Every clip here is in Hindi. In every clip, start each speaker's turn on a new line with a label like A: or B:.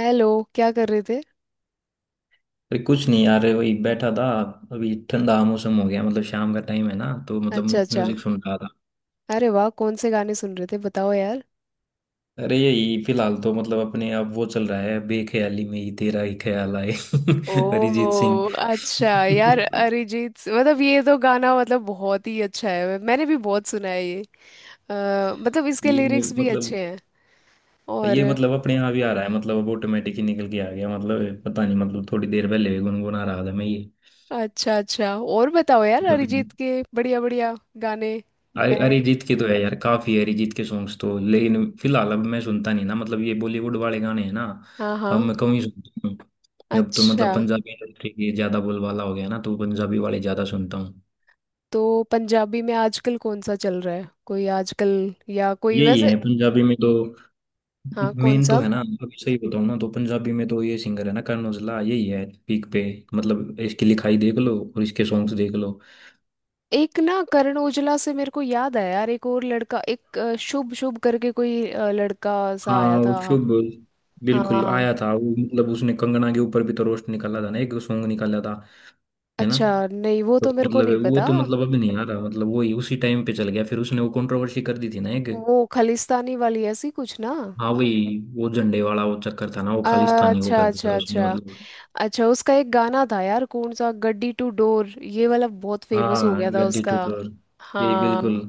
A: हेलो। क्या कर रहे थे।
B: अरे कुछ नहीं यार, वही बैठा था। अभी ठंडा मौसम हो गया, मतलब शाम का टाइम है ना तो मतलब
A: अच्छा,
B: म्यू-
A: अच्छा।
B: म्यूजिक सुन रहा था।
A: अरे वाह, कौन से गाने सुन रहे थे बताओ यार।
B: अरे यही फिलहाल तो मतलब अपने आप वो चल रहा है, बेख्याली में ही तेरा ही ख्याल आए अरिजीत सिंह।
A: ओ अच्छा यार, मतलब ये तो गाना मतलब बहुत ही अच्छा है, मैंने भी बहुत सुना है ये। मतलब इसके
B: ये
A: लिरिक्स भी
B: मतलब
A: अच्छे हैं। और।
B: ये मतलब अपने आप ही आ रहा है, मतलब अब ऑटोमेटिक ही निकल के आ गया, मतलब पता नहीं, मतलब थोड़ी देर पहले भी गुनगुना रहा था मैं ये।
A: अच्छा, अच्छा। और बताओ यार
B: तो फिर
A: अरिजीत के बढ़िया बढ़िया गाने। मैं।
B: अरिजीत के तो है यार, काफी है अरिजीत के सॉन्ग्स तो, लेकिन फिलहाल अब मैं सुनता नहीं ना, मतलब ये बॉलीवुड वाले गाने हैं ना,
A: हाँ,
B: अब
A: हाँ।
B: मैं कम ही सुनता हूँ अब तो।
A: अच्छा।
B: मतलब पंजाबी इंडस्ट्री की ज्यादा बोलबाला हो गया ना, तो पंजाबी वाले ज्यादा सुनता हूँ।
A: तो। पंजाबी में आजकल कौन सा चल रहा है कोई आजकल। या कोई
B: यही
A: वैसे।
B: है पंजाबी में तो
A: हाँ, कौन
B: मेन तो
A: सा।
B: है ना। अभी सही बताऊँ ना तो पंजाबी में तो ये सिंगर है ना करण औजला, यही है पीक पे। मतलब इसकी लिखाई देख लो और इसके सॉन्ग्स देख लो।
A: एक ना, करण ओजला से मेरे को याद आया यार, एक और लड़का, एक शुभ शुभ करके कोई लड़का सा
B: हाँ
A: आया
B: वो
A: था।
B: शुभ, बिल्कुल
A: हाँ।
B: आया था वो, मतलब उसने कंगना के ऊपर भी तो रोस्ट निकाला था ना, एक सॉन्ग निकाला था। है ना।
A: अच्छा नहीं, वो
B: तो
A: तो मेरे को
B: मतलब
A: नहीं
B: वो
A: पता।
B: तो मतलब अभी नहीं आ रहा, मतलब वही उसी टाइम पे चल गया, फिर उसने वो कंट्रोवर्सी कर दी थी ना एक।
A: वो खालिस्तानी वाली ऐसी कुछ ना।
B: हाँ वही वो झंडे वाला वो चक्कर था ना, वो खालिस्तानी वो कर
A: अच्छा,
B: दिया
A: अच्छा,
B: था उसने,
A: अच्छा।
B: मतलब।
A: अच्छा, उसका एक गाना था यार कौन सा गड्डी टू डोर, ये वाला बहुत फेमस हो
B: हाँ
A: गया था
B: गद्दी
A: उसका।
B: टुटोर, यही बिल्कुल।
A: हाँ।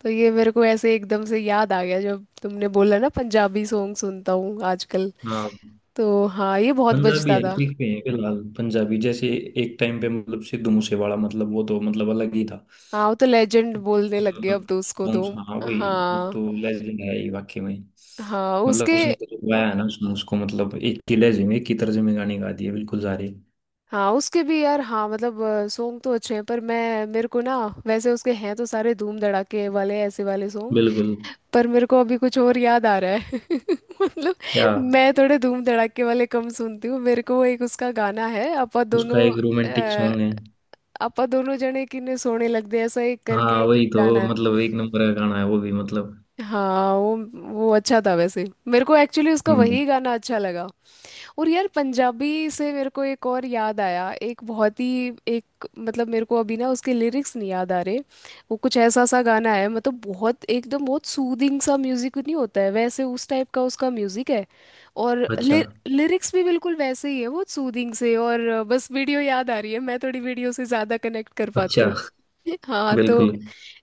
A: तो ये मेरे को ऐसे एकदम से याद आ गया जब तुमने बोला ना पंजाबी सॉन्ग सुनता हूँ आजकल।
B: हाँ,
A: तो हाँ, ये बहुत
B: पंजाबी
A: बजता
B: हर
A: था।
B: पीक पे है फिलहाल, पंजाबी जैसे एक टाइम पे मतलब सिद्धू मूसेवाला, मतलब वो तो मतलब अलग ही था।
A: हाँ, वो तो लेजेंड बोलने लग गया अब
B: मतलब
A: तो उसको तो।
B: songs, हाँ वही। वो
A: हाँ।
B: तो लेजेंड है ही वाकई में।
A: हाँ
B: मतलब
A: उसके।
B: उसने तो गाया है ना, उसने उसको मतलब एक ही लहजे में एक ही तर्ज में गाने गा दिए बिल्कुल सारे।
A: हाँ, उसके भी यार, हाँ मतलब। सॉन्ग तो अच्छे हैं पर मैं मेरे को ना। वैसे उसके हैं तो सारे धूम धड़ाके वाले ऐसे वाले सॉन्ग।
B: बिल्कुल।
A: पर मेरे को अभी कुछ और याद आ रहा है मतलब।
B: क्या?
A: मैं थोड़े धूम धड़ाके वाले कम सुनती हूँ। मेरे को एक उसका गाना है अपा
B: उसका
A: दोनों।
B: एक रोमांटिक
A: अ,
B: सॉन्ग है।
A: अपा दोनों जने किन्ने सोने लगदे ऐसा एक
B: हाँ
A: करके
B: वही
A: कोई
B: तो,
A: गाना है।
B: मतलब एक नंबर का गाना है वो भी, मतलब।
A: हाँ वो। वो अच्छा था, वैसे मेरे को एक्चुअली उसका
B: हम्म।
A: वही गाना अच्छा लगा। और यार पंजाबी से मेरे को एक और याद आया, एक बहुत ही एक मतलब मेरे को अभी ना उसके लिरिक्स नहीं याद आ रहे। वो कुछ ऐसा सा गाना है, मतलब बहुत एकदम बहुत सूदिंग सा म्यूजिक नहीं होता है वैसे, उस टाइप का उसका म्यूजिक है। और
B: अच्छा
A: लिरिक्स भी बिल्कुल वैसे ही है, बहुत सूदिंग से। और बस वीडियो याद आ रही है, मैं थोड़ी वीडियो से ज़्यादा कनेक्ट कर पाती
B: अच्छा।
A: हूँ। हाँ तो।
B: बिल्कुल।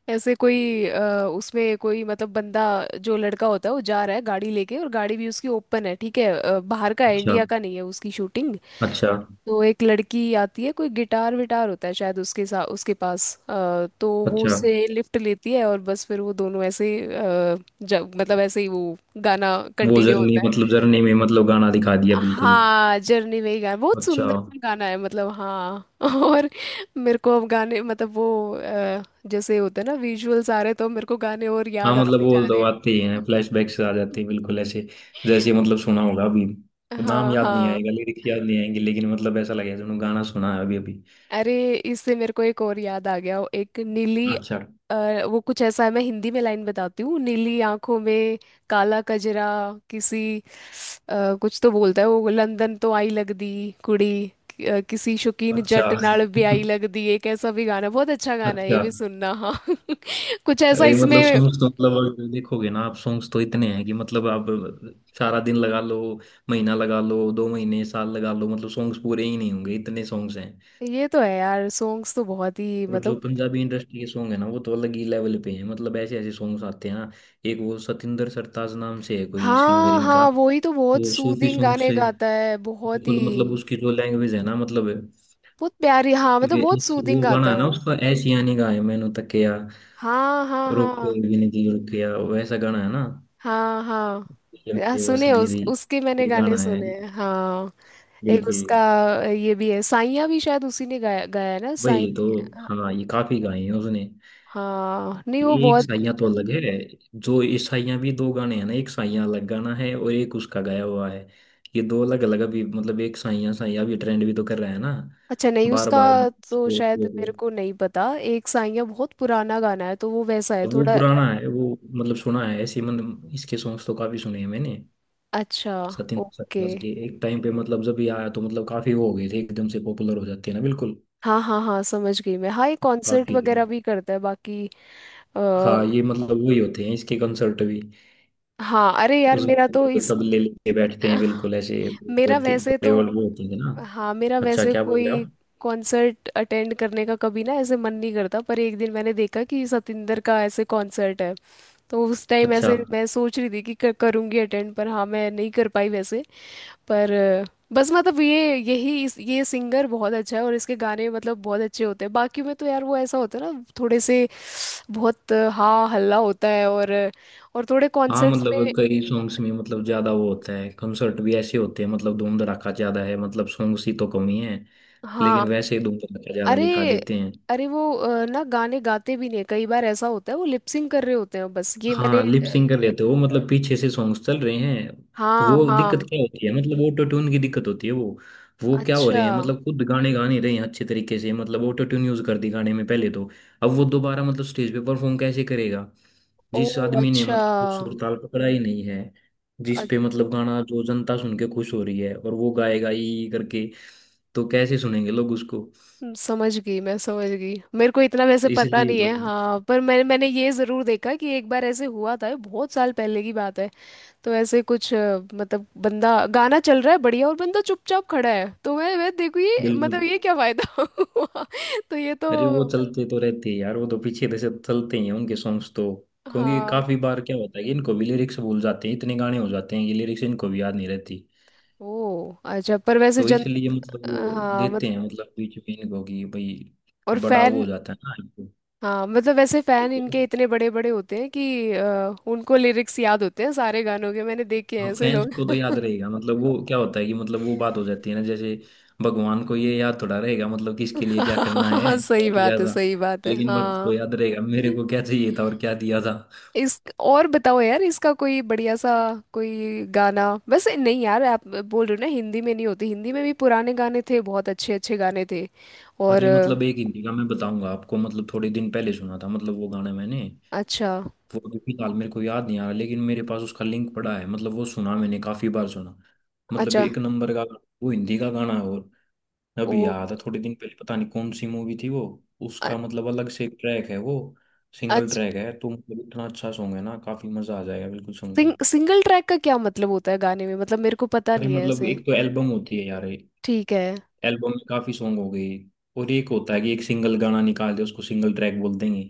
A: ऐसे कोई उसमें कोई मतलब बंदा। जो लड़का होता है वो जा रहा है गाड़ी लेके, और गाड़ी भी उसकी ओपन है, ठीक है, बाहर का है,
B: अच्छा
A: इंडिया का नहीं है उसकी शूटिंग।
B: अच्छा।
A: तो एक लड़की आती है, कोई गिटार विटार होता है शायद उसके साथ उसके पास, तो वो
B: अच्छा
A: उससे लिफ्ट लेती है और बस फिर वो दोनों ऐसे जब मतलब ऐसे ही वो गाना
B: वो
A: कंटिन्यू
B: जर्नी,
A: होता है।
B: मतलब जर्नी में मतलब गाना दिखा दिया बिल्कुल।
A: हाँ जर्नी में ही गाना, बहुत
B: अच्छा।
A: सुंदर सा गाना है मतलब, हाँ और। मेरे को अब गाने मतलब वो जैसे होते हैं ना विजुअल्स आ रहे तो मेरे को गाने और
B: हाँ
A: याद
B: मतलब
A: आते
B: वो
A: जा रहे
B: तो
A: हैं।
B: आते ही हैं, फ्लैशबैक से आ जाते हैं बिल्कुल ऐसे। जैसे मतलब सुना होगा अभी, नाम
A: हाँ,
B: याद नहीं
A: हाँ।
B: आएगा, लिरिक्स याद नहीं आएंगे, लेकिन मतलब ऐसा लगेगा जो गाना सुना है अभी अभी।
A: अरे इससे मेरे को एक और याद आ गया, एक नीली।
B: अच्छा।
A: वो कुछ ऐसा है, मैं हिंदी में लाइन बताती हूँ, नीली आंखों में। काला कजरा। किसी। ਕੁਝ ਤਾਂ ਬੋਲਦਾ ਹੈ ਉਹ ਲੰਦਨ ਤੋਂ ਆਈ ਲੱਗਦੀ। ਕੁੜੀ। ਕਿसी शौकीन
B: अच्छा।
A: जट ਨਾਲ ਵੀ ਆਈ ਲੱਗਦੀ, एक ऐसा भी गाना, बहुत अच्छा गाना है, ये
B: अच्छा
A: भी सुनना, हाँ कुछ ऐसा
B: ये,
A: इसमें।
B: मतलब सॉन्ग्स तो मतलब अगर देखोगे ना आप, सॉन्ग्स तो इतने हैं कि मतलब आप सारा दिन लगा लो, महीना लगा लो, दो महीने, साल लगा लो, मतलब सॉन्ग्स पूरे ही नहीं होंगे, इतने सॉन्ग्स हैं।
A: ये तो है यार, सॉन्ग्स तो बहुत ही।
B: और जो
A: मतलब।
B: पंजाबी इंडस्ट्री के सॉन्ग है ना, वो तो अलग ही लेवल पे हैं, मतलब ऐसे ऐसे सॉन्ग्स आते हैं ना। एक वो सतिंदर सरताज नाम से है कोई सिंगर
A: हाँ,
B: इनका।
A: हाँ, वो ही तो बहुत
B: तो सूफी
A: सूदिंग
B: सॉन्ग
A: गाने
B: से
A: गाता है बहुत
B: बिल्कुल, मतलब
A: ही।
B: उसकी जो लैंग्वेज है ना मतलब वे।
A: बहुत प्यारी, हाँ मतलब, बहुत सूदिंग
B: वो
A: गाता
B: गाना है
A: है
B: ना
A: वो।
B: उसका, ऐसी यानी गाए मैनू तकिया,
A: हाँ, हाँ,
B: रोके
A: हाँ।
B: बिन जी रुकिया, वैसा गाना है ना।
A: हाँ, हाँ।
B: ये मेरी
A: सुने उस
B: वसदीरी,
A: उसके मैंने
B: ये
A: गाने
B: गाना है,
A: सुने हैं, हाँ। एक
B: बिल्कुल।
A: उसका। ये भी है, साइया भी शायद उसी ने गाया गाया है ना साई।
B: वही तो। हाँ ये काफी गाए हैं उसने।
A: हाँ नहीं, वो
B: ये एक
A: बहुत।
B: साइया तो अलग है। जो इस साइया भी दो गाने हैं ना, एक साइया अलग गाना है, और एक उसका गाया हुआ है। ये दो अलग अलग। अभी मतलब एक साइया साइया अभी ट्रेंड भी तो कर रहा है ना।
A: अच्छा नहीं
B: बार
A: उसका।
B: बार, मतलब
A: तो शायद मेरे
B: वो-
A: को नहीं पता, एक साइया बहुत पुराना गाना है तो वो वैसा है
B: अब वो
A: थोड़ा।
B: पुराना है वो, मतलब सुना है ऐसे, मतलब इसके सॉन्ग्स तो काफी सुने हैं मैंने।
A: अच्छा।
B: सतिंद्र
A: ओके।
B: सरताज के एक टाइम पे, मतलब जब ये आया तो मतलब काफी वो हो गए थे, एकदम से पॉपुलर हो जाते हैं ना, बिल्कुल।
A: हाँ, हाँ, हाँ, समझ गई मैं। हाँ, ये कॉन्सर्ट
B: काफी।
A: वगैरह भी करता है बाकी। आ,
B: हाँ ये मतलब वही होते हैं इसके कंसर्ट भी।
A: हाँ अरे यार,
B: उसमें
A: मेरा तो
B: मतलब
A: इस
B: तबले लेके बैठते हैं बिल्कुल ऐसे,
A: मेरा
B: वैसे
A: वैसे
B: बड़े
A: तो।
B: वाले वो होते हैं ना।
A: हाँ मेरा
B: अच्छा
A: वैसे
B: क्या बोल रहे हो
A: कोई
B: आप?
A: कॉन्सर्ट अटेंड करने का कभी ना ऐसे मन नहीं करता, पर एक दिन मैंने देखा कि सतिंदर का ऐसे कॉन्सर्ट है। तो उस टाइम
B: अच्छा।
A: ऐसे मैं सोच रही थी कि करूंगी अटेंड, पर हाँ मैं नहीं कर पाई वैसे। पर बस मतलब ये यही इस ये सिंगर बहुत अच्छा है, और इसके गाने मतलब बहुत अच्छे होते हैं, बाकी में तो यार वो ऐसा होता है ना थोड़े से। बहुत हाँ हल्ला होता है और और थोड़े
B: हाँ
A: कॉन्सर्ट्स
B: मतलब
A: में।
B: कई सॉन्ग्स में मतलब ज्यादा वो होता है, कंसर्ट भी ऐसे होते हैं, मतलब धूम धड़ाका ज्यादा है, मतलब सॉन्ग्स ही तो कम ही है,
A: हाँ
B: लेकिन वैसे ही धूम धड़ाका ज्यादा
A: अरे।
B: दिखा देते हैं।
A: अरे वो ना गाने गाते भी नहीं, कई बार ऐसा होता है, वो लिपसिंग कर रहे होते हैं बस। ये मैंने।
B: हाँ लिप सिंग कर लेते हो, मतलब पीछे से सॉन्ग्स चल रहे हैं। तो
A: हाँ,
B: वो दिक्कत
A: हाँ।
B: क्या होती है, मतलब ऑटो ट्यून की दिक्कत होती है वो। वो क्या हो
A: अच्छा।
B: रहे हैं, मतलब खुद गाने गा नहीं रहे हैं अच्छे तरीके से, मतलब ऑटो ट्यून यूज कर दी गाने में पहले तो। अब वो दोबारा मतलब स्टेज पे परफॉर्म कैसे करेगा?
A: ओ
B: जिस आदमी ने
A: अच्छा।
B: मतलब वो सुर ताल पकड़ा ही नहीं है, जिस पे मतलब गाना जो जनता सुन के खुश हो रही है, और वो गाएगा ई करके, तो कैसे सुनेंगे लोग उसको?
A: समझ गई मैं, समझ गई। मेरे को इतना
B: तो
A: वैसे पता
B: इसलिए
A: नहीं
B: तो।
A: है हाँ, पर मैंने मैंने ये ज़रूर देखा कि एक बार ऐसे हुआ था, ये बहुत साल पहले की बात है। तो ऐसे कुछ मतलब बंदा, गाना चल रहा है बढ़िया और बंदा चुपचाप खड़ा है, तो मैं देखू ये
B: बिल्कुल।
A: मतलब ये क्या फायदा हुआ। तो ये
B: अरे वो
A: तो।
B: चलते तो रहते हैं यार, वो तो पीछे से चलते ही हैं उनके सॉन्ग्स तो। क्योंकि
A: हाँ।
B: काफी बार क्या होता है कि इनको भी लिरिक्स भूल जाते हैं, इतने गाने हो जाते हैं कि लिरिक्स इनको भी याद नहीं रहती,
A: ओ अच्छा, पर वैसे
B: तो
A: जन।
B: इसलिए मतलब वो
A: हाँ
B: देते
A: मतलब।
B: हैं मतलब बीच में इनको, कि भाई
A: और
B: बड़ा वो हो
A: फैन।
B: जाता है ना
A: हाँ मतलब वैसे फैन
B: इनको।
A: इनके इतने बड़े बड़े होते हैं कि उनको लिरिक्स याद होते हैं सारे गानों के, मैंने देखे
B: हाँ
A: हैं ऐसे
B: फैंस
A: लोग।
B: को तो याद रहेगा, मतलब वो क्या होता है कि मतलब वो बात हो जाती है ना, जैसे भगवान को ये याद थोड़ा रहेगा मतलब किसके लिए क्या करना है क्या
A: सही
B: किया
A: बात है,
B: था,
A: सही बात है,
B: लेकिन भक्त को
A: हाँ।
B: याद रहेगा मेरे को क्या चाहिए था और क्या दिया था।
A: इस, और बताओ यार इसका कोई बढ़िया सा। कोई गाना वैसे नहीं यार, आप बोल रहे हो ना हिंदी में नहीं होती, हिंदी में भी पुराने गाने थे, बहुत अच्छे अच्छे गाने थे। और
B: अरे मतलब एक हिंदी का मैं बताऊंगा आपको, मतलब थोड़े दिन पहले सुना था मतलब वो गाना मैंने।
A: अच्छा।
B: वो अभी फिलहाल मेरे को याद नहीं आ रहा, लेकिन मेरे पास उसका लिंक पड़ा है, मतलब वो सुना, मैंने काफी बार सुना, मतलब
A: अच्छा।
B: एक नंबर का। वो हिंदी का गाना है। और
A: ओ
B: अभी याद है, थोड़े दिन पहले, पता नहीं कौन सी मूवी थी वो।
A: अ-
B: उसका मतलब अलग से एक ट्रैक है वो, सिंगल
A: अच्छा।
B: ट्रैक है, तो मतलब इतना अच्छा सॉन्ग है ना, काफी मजा आ जाएगा बिल्कुल सुन के।
A: सिंगल ट्रैक का क्या मतलब होता है गाने में, मतलब मेरे को पता
B: अरे
A: नहीं है
B: मतलब
A: ऐसे।
B: एक तो एल्बम होती है यार,
A: ठीक है।
B: एल्बम में काफी सॉन्ग हो गई, और एक होता है कि एक सिंगल गाना निकाल दे, उसको सिंगल ट्रैक बोल देंगे,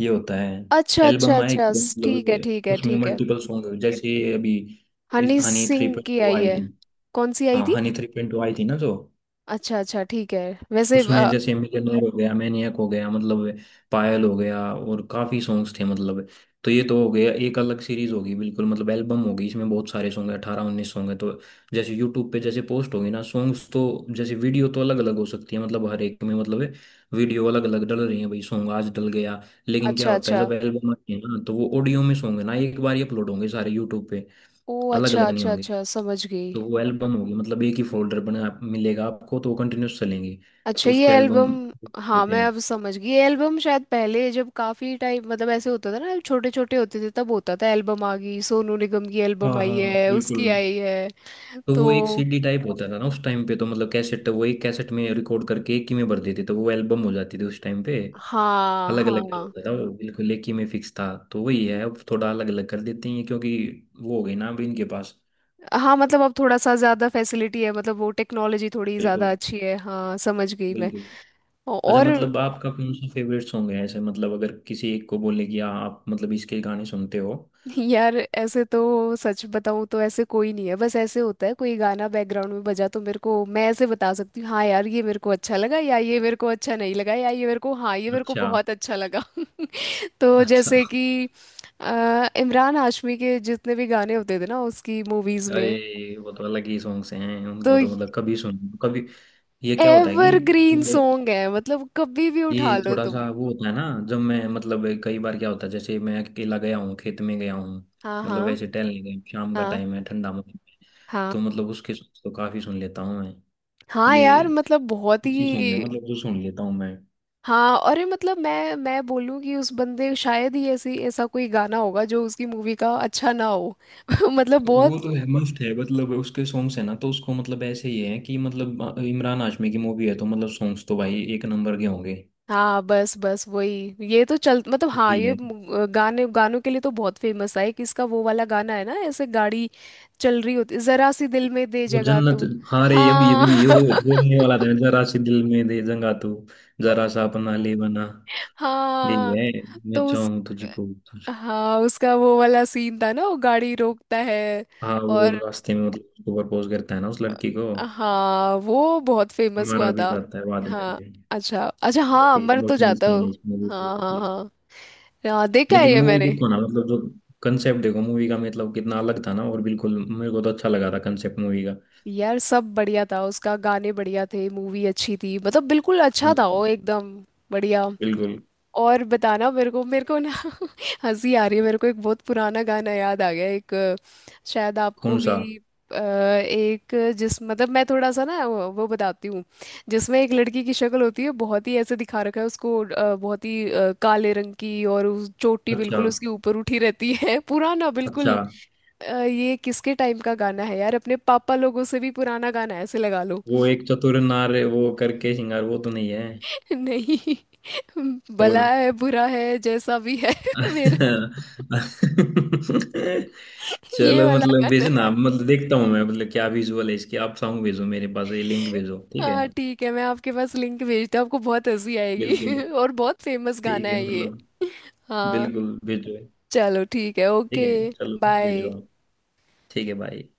B: ये होता है।
A: अच्छा, अच्छा,
B: एल्बम आए
A: अच्छा,
B: एकदम,
A: ठीक है,
B: मतलब
A: ठीक है,
B: उसमें
A: ठीक है।
B: मल्टीपल सॉन्ग, जैसे अभी इस
A: हनी
B: हनी
A: सिंह
B: थ्री पॉइंट
A: की
B: टू
A: आई
B: आई
A: है।
B: थी।
A: कौन सी आई
B: हाँ
A: थी।
B: हनी 3.2 आई थी ना जो,
A: अच्छा, अच्छा, ठीक है वैसे।
B: उसमें जैसे मिलियनेयर हो गया, मैनियक हो गया मतलब, पायल हो गया, और काफी सॉन्ग्स थे मतलब। तो ये तो हो गया एक अलग सीरीज होगी, बिल्कुल मतलब एल्बम होगी, इसमें बहुत सारे सॉन्ग है, 18-19 सॉन्ग है तो। जैसे यूट्यूब पे जैसे पोस्ट होगी ना सॉन्ग्स तो, जैसे वीडियो तो अलग अलग हो सकती है, मतलब हर एक में मतलब वीडियो अलग अलग डल रही है, भाई सॉन्ग आज डल गया। लेकिन क्या
A: अच्छा,
B: होता है
A: अच्छा,
B: जब एल्बम आती है ना, तो वो ऑडियो में सॉन्ग है ना, एक बार ही अपलोड होंगे सारे यूट्यूब पे,
A: ओ
B: अलग
A: अच्छा,
B: अलग नहीं
A: अच्छा,
B: होंगे।
A: अच्छा, समझ गई।
B: तो वो एल्बम होगी, मतलब एक ही फोल्डर बना मिलेगा आपको, तो वो कंटिन्यूस चलेंगी,
A: अच्छा
B: तो
A: ये
B: उसको एल्बम
A: एल्बम। हाँ
B: देते
A: मैं
B: हैं।
A: अब समझ गई ये एल्बम, शायद पहले जब काफी टाइम मतलब ऐसे होता था ना, छोटे छोटे होते थे तब होता था एल्बम आ गई, सोनू निगम की
B: हाँ
A: एल्बम आई
B: हाँ।
A: है
B: बिल्कुल।
A: उसकी आई है।
B: तो
A: तो।
B: वो एक सीडी टाइप होता था ना उस टाइम पे, तो मतलब कैसेट, वो एक कैसेट में रिकॉर्ड करके एक ही में भर देते तो वो एल्बम हो जाती थी उस टाइम पे।
A: हाँ,
B: अलग अलग नहीं
A: हाँ,
B: होता था वो, बिल्कुल एक ही में फिक्स था, तो वही है। अब थोड़ा अलग अलग कर देते हैं क्योंकि वो हो गई ना अभी इनके पास।
A: हाँ, मतलब अब थोड़ा सा ज्यादा फैसिलिटी है, मतलब वो टेक्नोलॉजी थोड़ी ज्यादा
B: बिल्कुल।
A: अच्छी है, हाँ समझ गई मैं।
B: बिल्कुल। अच्छा,
A: और।
B: मतलब आपका कौन सा फेवरेट सॉन्ग है ऐसे, मतलब अगर किसी एक को बोले कि हाँ, आप मतलब इसके गाने सुनते हो?
A: यार ऐसे तो सच बताऊं तो ऐसे कोई नहीं है, बस ऐसे होता है कोई गाना बैकग्राउंड में बजा तो मेरे को मैं ऐसे बता सकती हूँ, हाँ यार ये मेरे को अच्छा लगा, या ये मेरे को अच्छा नहीं लगा, या ये मेरे को, हाँ ये मेरे को
B: अच्छा।
A: बहुत अच्छा लगा। तो
B: अच्छा।
A: जैसे कि इमरान हाशमी के जितने भी गाने होते थे ना उसकी मूवीज में।
B: अरे वो तो अलग ही सॉन्ग्स हैं
A: तो
B: उनको तो, मतलब कभी सुन, कभी। ये क्या होता है कि
A: एवरग्रीन
B: जब,
A: सॉन्ग है मतलब कभी भी
B: ये
A: उठा लो
B: थोड़ा
A: तुम।
B: सा वो होता है ना, जब मैं, मतलब कई बार क्या होता है जैसे मैं अकेला गया हूँ, खेत में गया हूँ,
A: हाँ,
B: मतलब
A: हाँ,
B: वैसे टहलने गया हूँ, शाम का
A: हाँ।
B: टाइम है, ठंडा मौसम है,
A: हाँ,
B: तो मतलब उसके songs तो काफी सुन लेता हूँ मैं।
A: हाँ।
B: ये
A: यार मतलब बहुत
B: अच्छी सॉन्ग है,
A: ही।
B: मतलब जो सुन लेता हूँ मैं।
A: हाँ, और ये मतलब मैं बोलूँ कि उस बंदे शायद ही ऐसी ऐसा कोई गाना होगा जो उसकी मूवी का अच्छा ना हो। मतलब बहुत।
B: वो तो है, मस्त है, मतलब उसके सॉन्ग्स है ना तो, उसको मतलब ऐसे ही है कि मतलब इमरान हाशमी की मूवी है, तो मतलब सॉन्ग्स तो भाई एक नंबर के होंगे।
A: हाँ, बस बस वही ये तो चल मतलब, हाँ
B: वही
A: ये
B: है
A: गाने गानों के लिए तो बहुत फेमस है, कि इसका वो वाला गाना है ना ऐसे गाड़ी चल रही होती, जरा सी दिल में दे
B: वो
A: जगह
B: जन्नत।
A: तू।
B: हाँ रे अब ये
A: हाँ
B: भी ये हो बोलने वाला था, जरा सी दिल में दे जगह तू, जरा सा अपना ले बना, यही
A: हाँ
B: है। मैं
A: तो उस।
B: चाहूँ तुझको तुझको।
A: हाँ उसका वो वाला सीन था ना, वो गाड़ी रोकता है।
B: हाँ वो
A: और।
B: रास्ते में मतलब उसको प्रपोज करता है ना उस लड़की को।
A: हाँ, वो बहुत फेमस
B: मारा
A: हुआ
B: भी
A: था।
B: जाता है बाद में
A: हाँ।
B: भी।
A: अच्छा, अच्छा, हाँ
B: काफी
A: अमर तो
B: इमोशनल
A: जाता
B: सीन
A: हो।
B: है इस मूवी को
A: हाँ, हाँ,
B: ये।
A: हाँ। हाँ, देखा है
B: लेकिन
A: ये
B: मूवी
A: मैंने।
B: देखो ना, मतलब जो कंसेप्ट देखो मूवी का, मतलब कितना अलग था ना, और बिल्कुल मेरे को तो अच्छा लगा था कंसेप्ट मूवी का।
A: यार सब बढ़िया था उसका, गाने बढ़िया थे, मूवी अच्छी थी, मतलब बिल्कुल अच्छा था
B: हम्म।
A: वो एकदम बढ़िया।
B: बिल्कुल।
A: और बताना मेरे को ना हंसी आ रही है मेरे को, एक बहुत पुराना गाना याद आ गया, एक शायद आपको
B: कौन
A: भी
B: सा?
A: एक जिस मतलब मैं थोड़ा सा ना वो बताती हूँ। जिसमें एक लड़की की शक्ल होती है बहुत ही ऐसे दिखा रखा है उसको, बहुत ही काले रंग की, और उस चोटी
B: अच्छा।
A: बिल्कुल उसके ऊपर उठी रहती है पुराना
B: अच्छा
A: बिल्कुल। ये किसके टाइम का गाना है यार, अपने पापा लोगों से भी पुराना गाना है ऐसे लगा लो।
B: वो एक चतुर नार वो करके श्रृंगार, वो तो नहीं है?
A: नहीं।
B: और
A: भला है बुरा है जैसा भी है मेरा। ये
B: चलो,
A: वाला
B: मतलब
A: गाना
B: भेजना,
A: है।
B: मतलब देखता हूँ मैं मतलब क्या विजुअल है इसकी, आप सॉन्ग भेजो मेरे पास, ये लिंक भेजो ठीक है।
A: हाँ ठीक है, मैं आपके पास लिंक भेजता हूँ, आपको बहुत हंसी
B: बिल्कुल।
A: आएगी और बहुत फेमस गाना
B: ठीक है
A: है ये।
B: मतलब,
A: हाँ।
B: बिल्कुल भेजो।
A: चलो ठीक है
B: ठीक
A: ओके।
B: है चलो भेजो
A: बाय।
B: आप। ठीक है भाई।